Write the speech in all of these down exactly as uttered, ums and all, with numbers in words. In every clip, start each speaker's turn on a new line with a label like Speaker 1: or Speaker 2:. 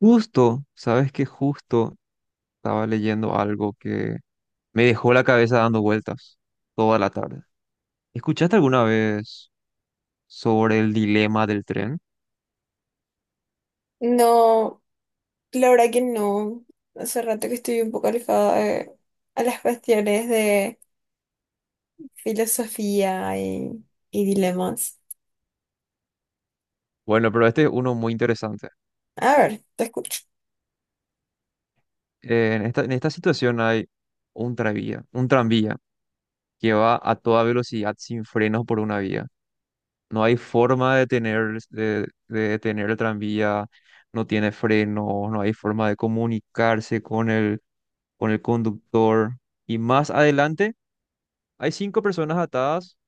Speaker 1: Justo, sabes que justo estaba leyendo algo que me dejó la cabeza dando vueltas toda la tarde. ¿Escuchaste alguna vez sobre el dilema del tren?
Speaker 2: No, la verdad que no. Hace rato que estoy un poco alejada de- a las cuestiones de filosofía y, y dilemas.
Speaker 1: Bueno, pero este es uno muy interesante.
Speaker 2: A ver, te escucho.
Speaker 1: Eh, en esta, en esta situación hay un tranvía, un tranvía que va a toda velocidad sin frenos por una vía. No hay forma de detener, de, de detener el tranvía, no tiene frenos, no hay forma de comunicarse con el, con el conductor. Y más adelante hay cinco personas atadas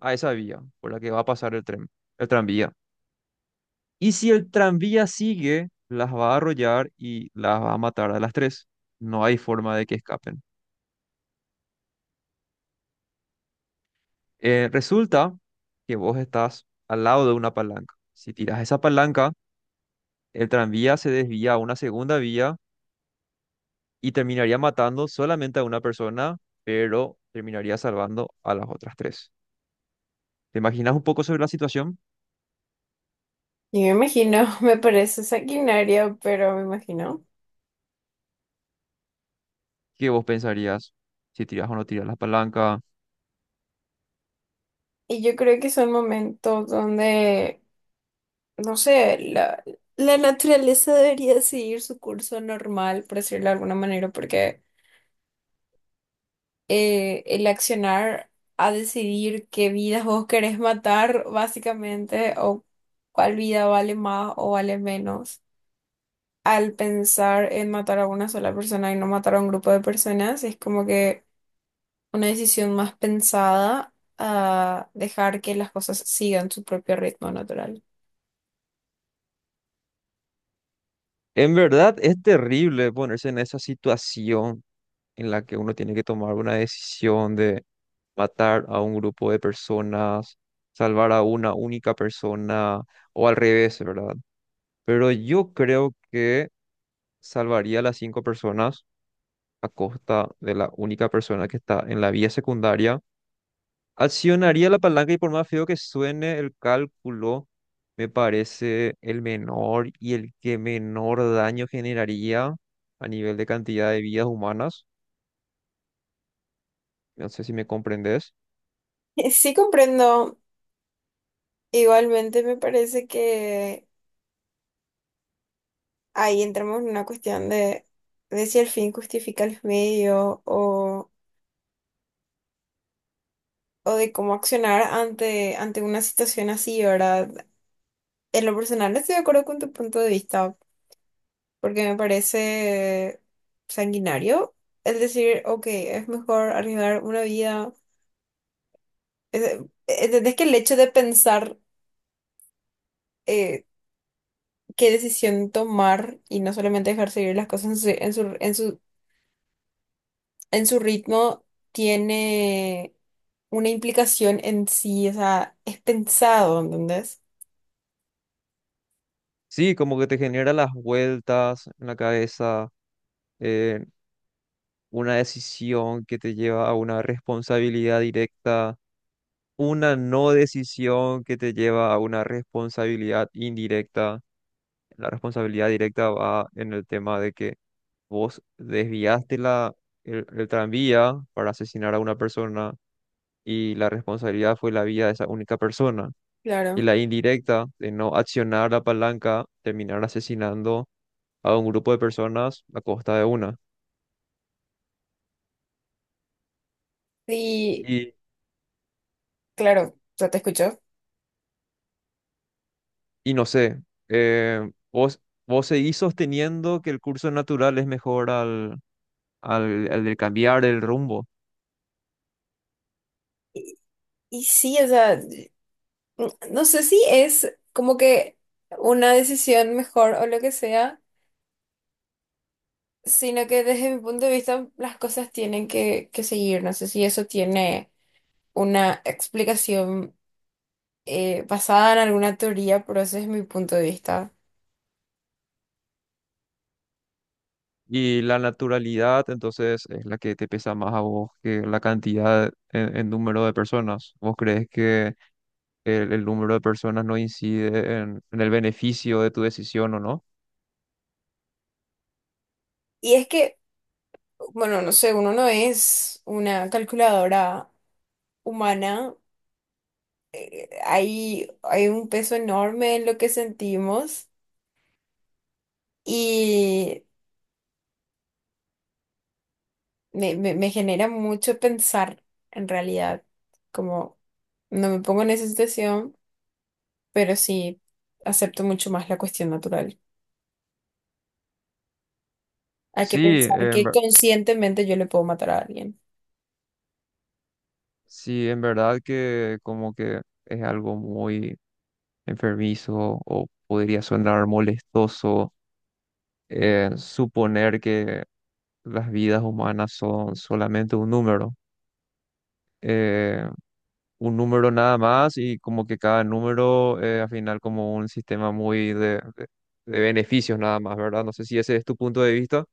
Speaker 1: a esa vía por la que va a pasar el tren, el tranvía. Y si el tranvía sigue, las va a arrollar y las va a matar a las tres. No hay forma de que escapen. Eh, resulta que vos estás al lado de una palanca. Si tiras esa palanca, el tranvía se desvía a una segunda vía y terminaría matando solamente a una persona, pero terminaría salvando a las otras tres. ¿Te imaginas un poco sobre la situación?
Speaker 2: Yo me imagino, me parece sanguinario, pero me imagino.
Speaker 1: ¿Qué vos pensarías? Si tiras o no tiras la palanca,
Speaker 2: Y yo creo que son momentos donde, no sé, la, la naturaleza debería seguir su curso normal, por decirlo de alguna manera, porque eh, el accionar a decidir qué vidas vos querés matar, básicamente, o cuál vida vale más o vale menos. Al pensar en matar a una sola persona y no matar a un grupo de personas, es como que una decisión más pensada a dejar que las cosas sigan su propio ritmo natural.
Speaker 1: en verdad es terrible ponerse en esa situación en la que uno tiene que tomar una decisión de matar a un grupo de personas, salvar a una única persona o al revés, ¿verdad? Pero yo creo que salvaría a las cinco personas a costa de la única persona que está en la vía secundaria. Accionaría la palanca y por más feo que suene el cálculo, me parece el menor y el que menor daño generaría a nivel de cantidad de vidas humanas. No sé si me comprendes.
Speaker 2: Sí, comprendo, igualmente me parece que ahí entramos en una cuestión de, de si el fin justifica los medios o o de cómo accionar ante, ante una situación así, ¿verdad? En lo personal estoy de acuerdo con tu punto de vista, porque me parece sanguinario el decir, ok, es mejor arriesgar una vida. Es- ¿Entendés que el hecho de pensar eh, qué decisión tomar y no solamente dejar seguir las cosas en su, en su, en su, en su ritmo tiene una implicación en sí? O sea, es pensado, ¿entendés?
Speaker 1: Sí, como que te genera las vueltas en la cabeza, eh, una decisión que te lleva a una responsabilidad directa, una no decisión que te lleva a una responsabilidad indirecta. La responsabilidad directa va en el tema de que vos desviaste la, el, el tranvía para asesinar a una persona y la responsabilidad fue la vida de esa única persona. Y
Speaker 2: Claro.
Speaker 1: la indirecta de no accionar la palanca, terminar asesinando a un grupo de personas a costa de una.
Speaker 2: Sí.
Speaker 1: Y,
Speaker 2: Claro, ya te escucho.
Speaker 1: y no sé, eh, vos, vos seguís sosteniendo que el curso natural es mejor al, al, al de cambiar el rumbo.
Speaker 2: Y sí, o sea, n- no sé si es como que una decisión mejor o lo que sea, sino que desde mi punto de vista las cosas tienen que, que seguir. No sé si eso tiene una explicación eh, basada en alguna teoría, pero ese es mi punto de vista.
Speaker 1: Y la naturalidad, entonces, es la que te pesa más a vos que la cantidad en, en número de personas. ¿Vos crees que el, el número de personas no incide en, en el beneficio de tu decisión o no?
Speaker 2: Y es que bueno, no sé, uno no es una calculadora humana. Hay, hay un peso enorme en lo que sentimos y me, me- me genera mucho pensar en realidad. Como no me pongo en esa situación, pero sí acepto mucho más la cuestión natural. Hay que
Speaker 1: Sí,
Speaker 2: pensar
Speaker 1: en,
Speaker 2: que
Speaker 1: ver-
Speaker 2: conscientemente yo le puedo matar a alguien.
Speaker 1: sí, en verdad que como que es algo muy enfermizo o podría sonar molestoso, eh, suponer que las vidas humanas son solamente un número. Eh, un número nada más, y como que cada número eh, al final como un sistema muy de, de- de beneficios nada más, ¿verdad? No sé si ese es tu punto de vista.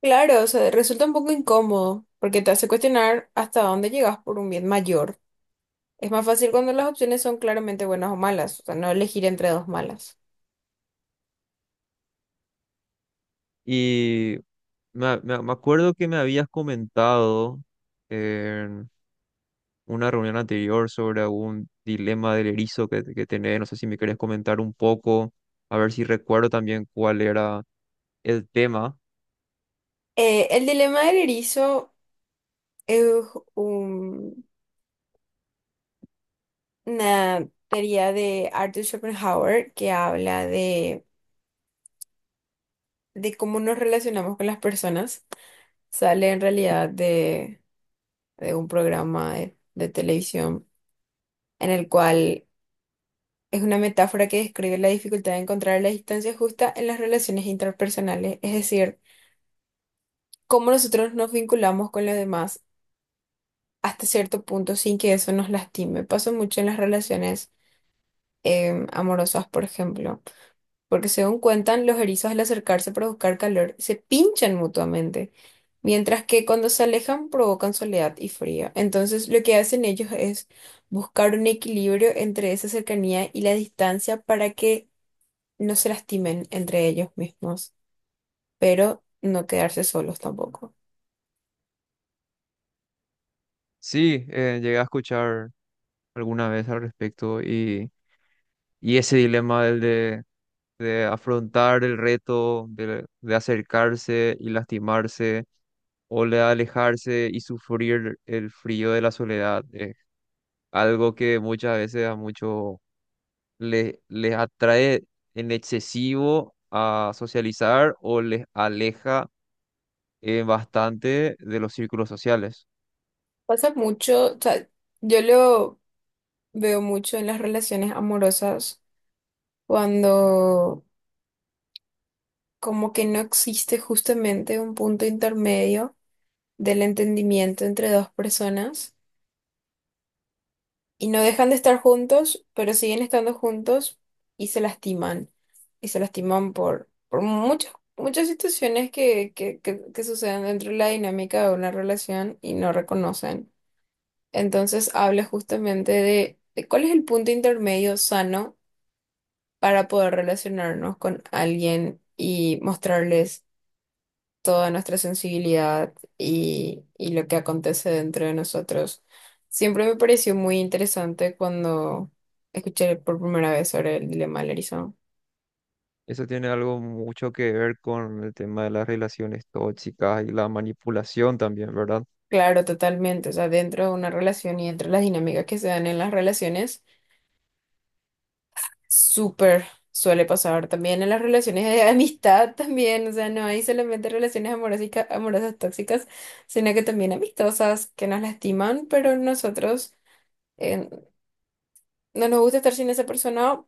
Speaker 2: Claro, o sea, resulta un poco incómodo porque te hace cuestionar hasta dónde llegas por un bien mayor. Es más fácil cuando las opciones son claramente buenas o malas, o sea, no elegir entre dos malas.
Speaker 1: Y me, me- me acuerdo que me habías comentado en una reunión anterior sobre algún dilema del erizo que, que tenés, no sé si me querés comentar un poco, a ver si recuerdo también cuál era el tema.
Speaker 2: Eh, el dilema del erizo es un- una teoría de Arthur Schopenhauer que habla de, de cómo nos relacionamos con las personas. Sale en realidad de, de un programa de, de televisión en el cual es una metáfora que describe la dificultad de encontrar la distancia justa en las relaciones interpersonales, es decir, cómo nosotros nos vinculamos con los demás hasta cierto punto sin que eso nos lastime. Pasa mucho en las relaciones em, amorosas, por ejemplo, porque según cuentan, los erizos al acercarse para buscar calor se pinchan mutuamente, mientras que cuando se alejan provocan soledad y frío. Entonces, lo que hacen ellos es buscar un equilibrio entre esa cercanía y la distancia para que no se lastimen entre ellos mismos, pero no quedarse solos tampoco.
Speaker 1: Sí, eh, llegué a escuchar alguna vez al respecto y, y ese dilema del de de afrontar el reto, de, de acercarse y lastimarse, o de alejarse y sufrir el frío de la soledad. Es algo que muchas veces a muchos les, les atrae en excesivo a socializar o les aleja, eh, bastante, de los círculos sociales.
Speaker 2: Pasa mucho, o sea, yo lo veo mucho en las relaciones amorosas cuando como que no existe justamente un punto intermedio del entendimiento entre dos personas y no dejan de estar juntos, pero siguen estando juntos y se lastiman. Y se lastiman por, por muchas, muchas situaciones que, que, que, que suceden dentro de la dinámica de una relación y no reconocen. Entonces habla justamente de, de cuál es el punto intermedio sano para poder relacionarnos con alguien y mostrarles toda nuestra sensibilidad y, y lo que acontece dentro de nosotros. Siempre me pareció muy interesante cuando escuché por primera vez sobre el dilema del erizo.
Speaker 1: Eso tiene algo mucho que ver con el tema de las relaciones tóxicas y la manipulación también, ¿verdad?
Speaker 2: Claro, totalmente. O sea, dentro de una relación y entre las dinámicas que se dan en las relaciones, súper suele pasar también en las relaciones de amistad también. O sea, no hay solamente relaciones amorosas, amorosas tóxicas, sino que también amistosas que nos lastiman, pero nosotros eh, no nos gusta estar sin esa persona,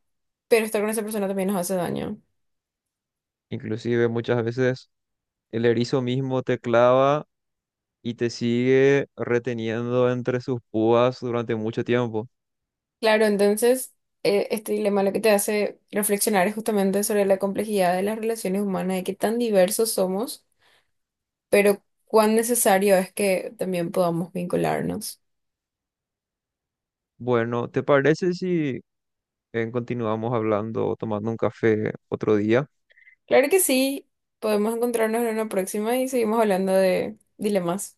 Speaker 2: pero estar con esa persona también nos hace daño.
Speaker 1: Inclusive muchas veces el erizo mismo te clava y te sigue reteniendo entre sus púas durante mucho tiempo.
Speaker 2: Claro, entonces, eh, este dilema lo que te hace reflexionar es justamente sobre la complejidad de las relaciones humanas, de qué tan diversos somos, pero cuán necesario es que también podamos vincularnos.
Speaker 1: Bueno, ¿te parece si eh, continuamos hablando, tomando un café otro día?
Speaker 2: Claro que sí, podemos encontrarnos en una próxima y seguimos hablando de dilemas.